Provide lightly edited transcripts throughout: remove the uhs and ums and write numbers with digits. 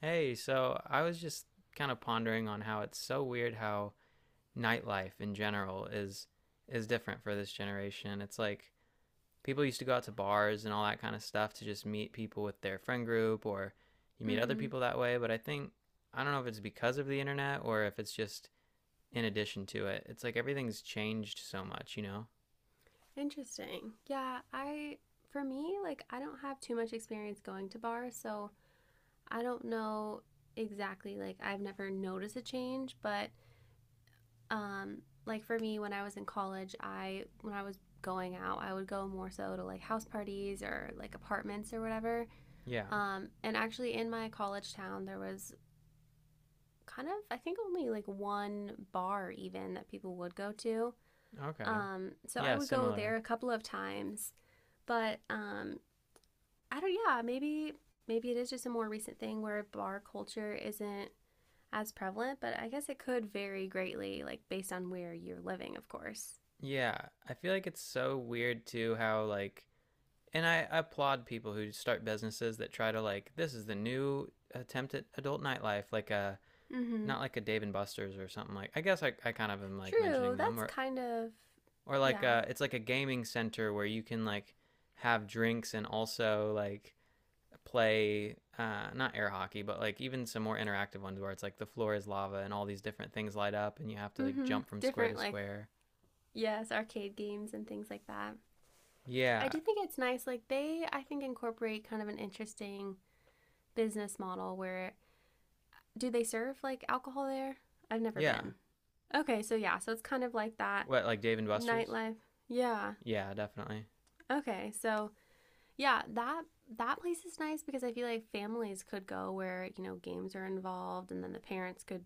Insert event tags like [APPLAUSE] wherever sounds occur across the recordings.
Hey, so I was just kind of pondering on how it's so weird how nightlife in general is different for this generation. It's like people used to go out to bars and all that kind of stuff to just meet people with their friend group or you meet other Mm-hmm. people that way, but I don't know if it's because of the internet or if it's just in addition to it. It's like everything's changed so much, Interesting. Yeah, I for me, like I don't have too much experience going to bars, so I don't know exactly like I've never noticed a change, but um. Like for me when I was in college, I when I was going out, I would go more so to like house parties or like apartments or whatever. Yeah. And actually in my college town there was I think only like one bar even that people would go to. Okay. So I Yeah, would go there similar. a couple of times but I don't. Yeah, maybe it is just a more recent thing where bar culture isn't as prevalent, but I guess it could vary greatly, like based on where you're living, of course. Yeah, I feel like it's so weird too how like and I applaud people who start businesses that try to like this is the new attempt at adult nightlife, like a Mm-hmm. not like a Dave and Buster's or something like. I guess I kind of am like True. mentioning them That's kind of or like yeah. a, it's like a gaming center where you can like have drinks and also like play not air hockey but like even some more interactive ones where it's like the floor is lava and all these different things light up and you have to like Mm-hmm. jump from square Different, to like square, yes, arcade games and things like that. yeah. I do think it's nice. I think incorporate kind of an interesting business model where do they serve like alcohol there? I've never Yeah. been. Okay, so yeah, so it's kind of like that What, like Dave and Buster's? nightlife. Yeah. Yeah, definitely. Okay, so Yeah, that that place is nice because I feel like families could go where, you know, games are involved and then the parents could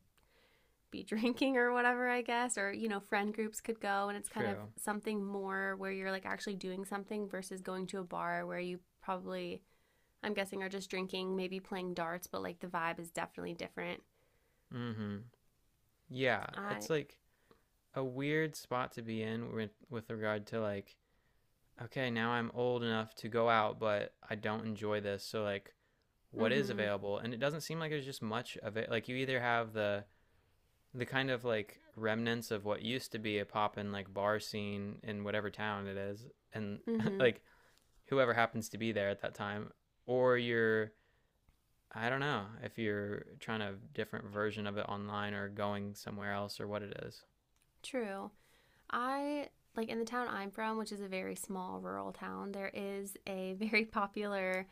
be [LAUGHS] drinking or whatever, I guess, or you know, friend groups could go and it's kind of True. something more where you're like actually doing something versus going to a bar where you probably I'm guessing are just drinking, maybe playing darts, but like the vibe is definitely different. Mm-hmm. Yeah, I it's like a weird spot to be in with, regard to like, okay, now I'm old enough to go out, but I don't enjoy this. So like, mm what is mhm available? And it doesn't seem like there's just much of it. Like you either have the kind of like remnants of what used to be a poppin' like bar scene in whatever town it is, and mm [LAUGHS] mhm like whoever happens to be there at that time, or you're I don't know if you're trying a different version of it online or going somewhere else or what it is. true. I like in the town I'm from, which is a very small rural town, there is a [LAUGHS] very popular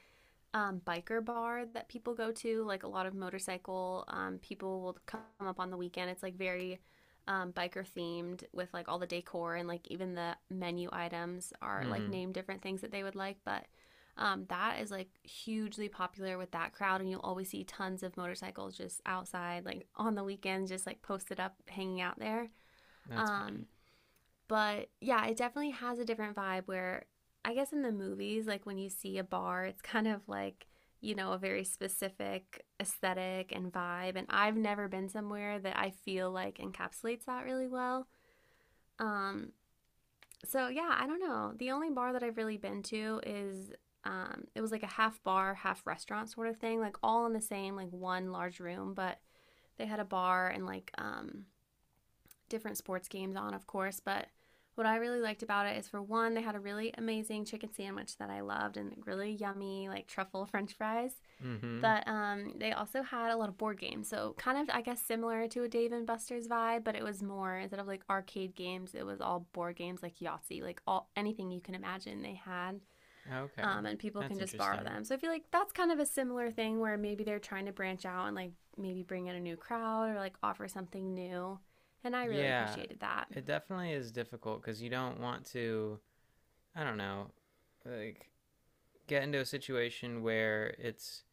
biker bar that people go to. Like a lot of motorcycle people will come up on the weekend. It's like very biker themed with like all the decor and like even the menu items are like Mm-hmm. named different things that they would like. But that is like hugely popular with that crowd, and you'll always see tons of motorcycles just outside, like on the weekends, just like posted up, hanging out there. That's funny. Um, but yeah, it definitely has a different vibe where I guess in the movies, like when you see a bar, it's kind of like, you know, a very specific aesthetic and vibe. And I've never been somewhere that I feel like encapsulates that really well. Um, so yeah, I don't know. The only bar that I've really been to is it was like a half bar, half restaurant sort of thing, like all in the same, like one large room, but they had a bar and different sports games on, of course, but what I really liked about it is for one, they had a really amazing chicken sandwich that I loved and really yummy, like truffle [LAUGHS] french fries. Mm-hmm. But they also had a lot of board games. So, kind of, I guess, similar to a Dave and Buster's vibe, but it was more instead of like arcade games, it was all board games like Yahtzee, like all anything you can imagine they had Okay. And people can That's just borrow interesting. them. So I feel like that's kind of a similar thing where maybe they're trying to branch out and like maybe bring in a new crowd or like offer something new. And I really Yeah, appreciated that. it definitely is difficult because you don't want to, I don't know, like get into a situation where it's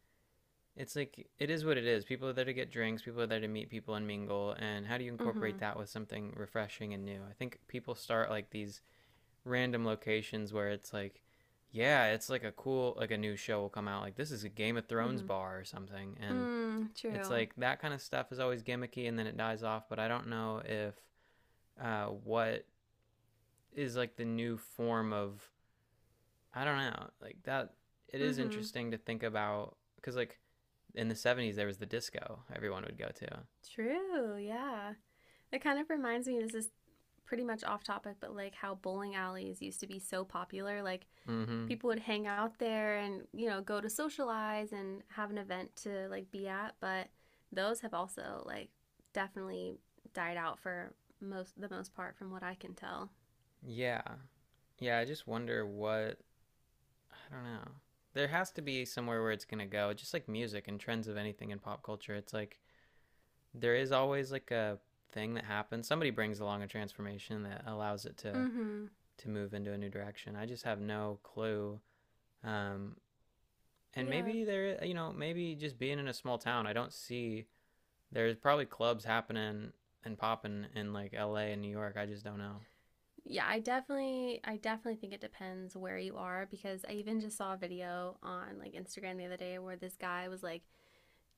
it's like it is what it is. People are there to get drinks, people are there to meet people and mingle, and how do you Mm-hmm. incorporate that with something refreshing and new? I think people start like these random locations where it's like yeah, it's like a cool like a new show will come out like this is a Game of Thrones Mm-hmm. bar or something. And Mm, it's true. like that kind of stuff is always gimmicky and then it dies off. But I don't know if what is like the new form of I don't know like that. It is Mm-hmm. interesting to think about because like in the 70s there was the disco everyone would go to. True. Yeah. It kind of reminds me. This is pretty much off topic, but like how bowling alleys used to be so popular. Like Mm-hmm. people would hang out there and you know go to socialize and have an event to like be at but those have also like definitely died out for most the most part from what I can tell. Yeah, yeah. I just wonder what I don't know. There has to be somewhere where it's gonna go. Just like music and trends of anything in pop culture, it's like there is always like a thing that happens. Somebody brings along a transformation that allows it to Mm-hmm. to move into a new direction. I just have no clue. Um, and Yeah, maybe there, you know, maybe just being in a small town, I don't see there's probably clubs happening and popping in like LA and New York. I just don't know. yeah, I definitely think it depends where you are because I even just saw a video on like Instagram the other day where this guy was like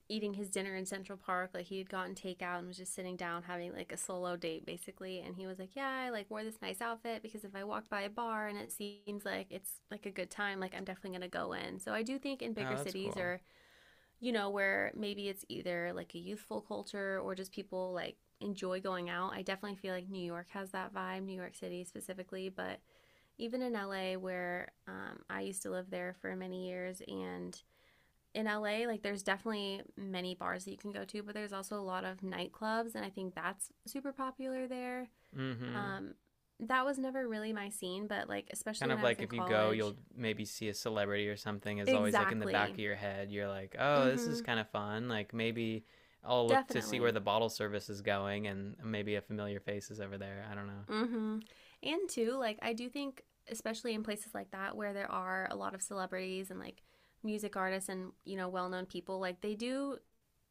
eating his dinner in Central Park. Like he had gotten takeout and was just sitting down having like a solo date basically. And he was like, yeah, I like wore this nice outfit because if I walked by a bar and it seems like it's like a good time, like I'm definitely gonna go in. So I do think in bigger Oh, that's cities cool. or, you know, where maybe it's either like a youthful culture or just people like enjoy going out. I definitely feel like New York has that vibe, New York City specifically, but even in LA where I used to live there for many years and in LA, like there's definitely many bars that you can go to, but there's also a lot of nightclubs, and I think that's super popular there. Mm-hmm. Um, that was never really my scene, but like especially Kind when of I was like in if you go, college. you'll maybe see a celebrity or something is always like in the back Exactly. of your head. You're like, oh, this is Mm-hmm. kind of fun. Like maybe I'll look to see where Definitely. the bottle service is going and maybe a familiar face is over there. I don't know. Mm-hmm. And too, like I do think, especially in places like that where there are a lot of celebrities and like music artists and you know well-known people, like they do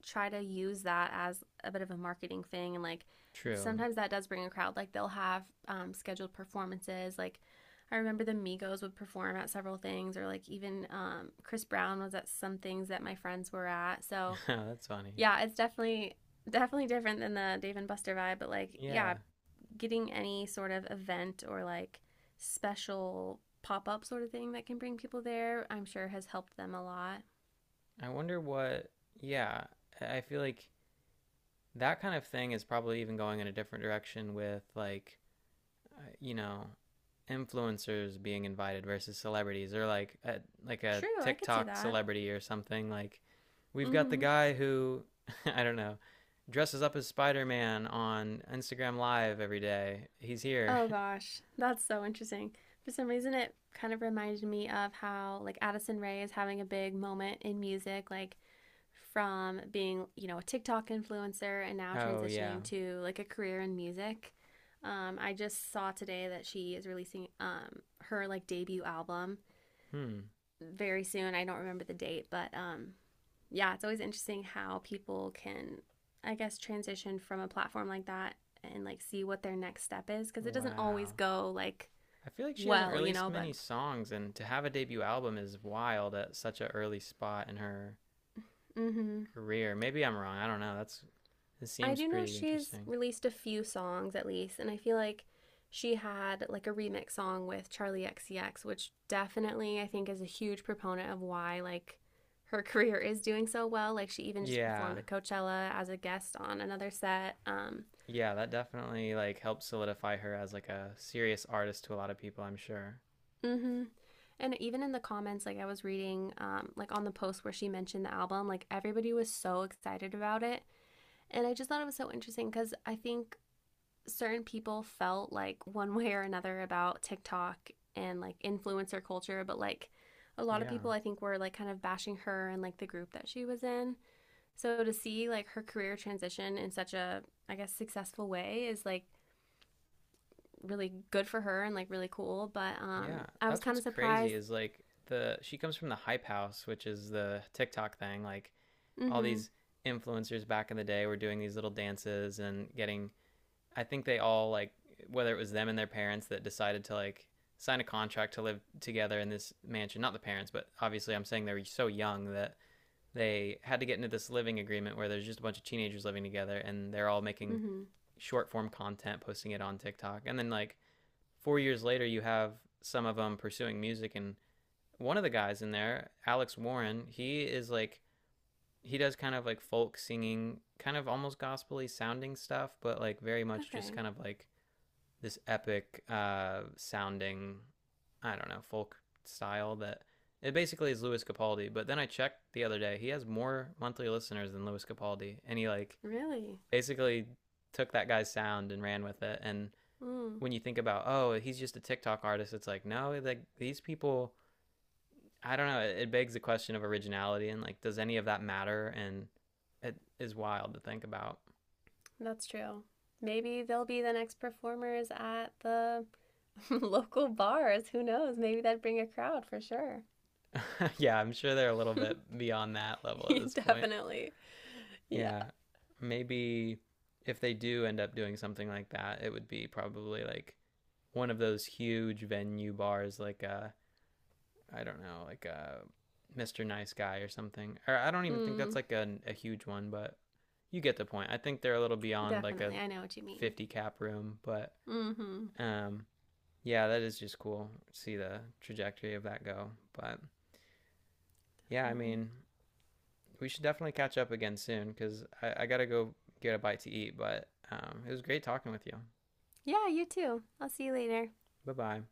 try to use that as a bit of a marketing thing and like True. sometimes that does bring a crowd like they'll have scheduled performances like I remember the Migos would perform at several things or like even Chris Brown was at some things that my friends were at, so [LAUGHS] That's funny. yeah, it's definitely different than the Dave and Buster vibe but like Yeah. yeah, getting any sort of event or like special pop-up sort of thing that can bring people there I'm sure has helped them a lot. I wonder what, yeah, I feel like that kind of thing is probably even going in a different direction with like, you know, influencers being invited versus celebrities or like a True, I could see TikTok that. celebrity or something like we've got the Mm-hmm. guy who [LAUGHS] I don't know dresses up as Spider-Man on Instagram live every day. He's here. Oh [LAUGHS] gosh, that's so interesting. For some reason, it kind of reminded me of how like Addison Rae is having a big moment in music, like from being, you know, a TikTok influencer and now Oh yeah. transitioning to like a career in music. I just saw today that she is releasing her like debut album Hmm. very soon. I don't remember the date, but yeah, it's always interesting how people can I guess transition from a platform like that and like see what their next step is because it doesn't always Wow. go like I feel like she hasn't well, you released know, but many songs, and to have a debut album is wild at such an early spot in her hmm, career. Maybe I'm wrong. I don't know. That's it I seems do know pretty she's interesting. released a few songs at least, and I feel like she had like a remix song with Charlie XCX, which definitely I think is a huge proponent of why like her [LAUGHS] career is doing so well. Like she even just Yeah. performed at Coachella as a guest on another set. Yeah, that definitely like helped solidify her as like a serious artist to a lot of people, I'm sure. hmm And even in the comments, like I was reading, like on the post where she mentioned the album, like everybody was so excited about it. And I just thought it was so interesting because I think certain people felt like one way or another about TikTok and like influencer culture, but like a lot of Yeah. people I think were like kind of bashing her and like the group that she was in. So to see like her career transition in such a I guess successful way is like really good for her and like really cool, but Yeah. I was That's kind what's of crazy surprised. is like the she comes from the hype house, which is the TikTok thing. Like all Mhm. these influencers back in the day were doing these little dances and getting I think they all like whether it was them and their parents that decided to like sign a contract to live together in this mansion. Not the parents, but obviously I'm saying they were so young that they had to get into this living agreement where there's just a bunch of teenagers living together and they're all making Mhm. short form content, posting it on TikTok. And then like 4 years later you have some of them pursuing music and one of the guys in there, Alex Warren, he is like he does kind of like folk singing, kind of almost gospely sounding stuff, but like very much just Okay. kind of like this epic sounding, I don't know, folk style that it basically is Louis Capaldi. But then I checked the other day, he has more monthly listeners than Louis Capaldi, and he like Really? basically took that guy's sound and ran with it. And Mm, when you think about, oh, he's just a TikTok artist, it's like no, like these people. I don't know. It begs the question of originality and like, does any of that matter? And it is wild to think about. that's true. Maybe they'll be the next performers at the [LAUGHS] local bars. Who knows? Maybe that'd bring a crowd for sure. [LAUGHS] Yeah, I'm sure they're a little bit [LAUGHS] beyond that level at this point. Definitely. Yeah. Yeah. Maybe if they do end up doing something like that, it would be probably like one of those huge venue bars, like a I don't know, like a Mr. Nice Guy or something. Or I don't even think Mm, that's like a huge one, but you get the point. I think they're a little beyond like a definitely. I know what you mean. 50 cap room, but Mm-hmm. um, yeah, that is just cool. to See the trajectory of that go. But yeah, I Definitely. mean, we should definitely catch up again soon because I gotta go get a bite to eat. But it was great talking with you. Yeah, you too. I'll see you later. Bye bye.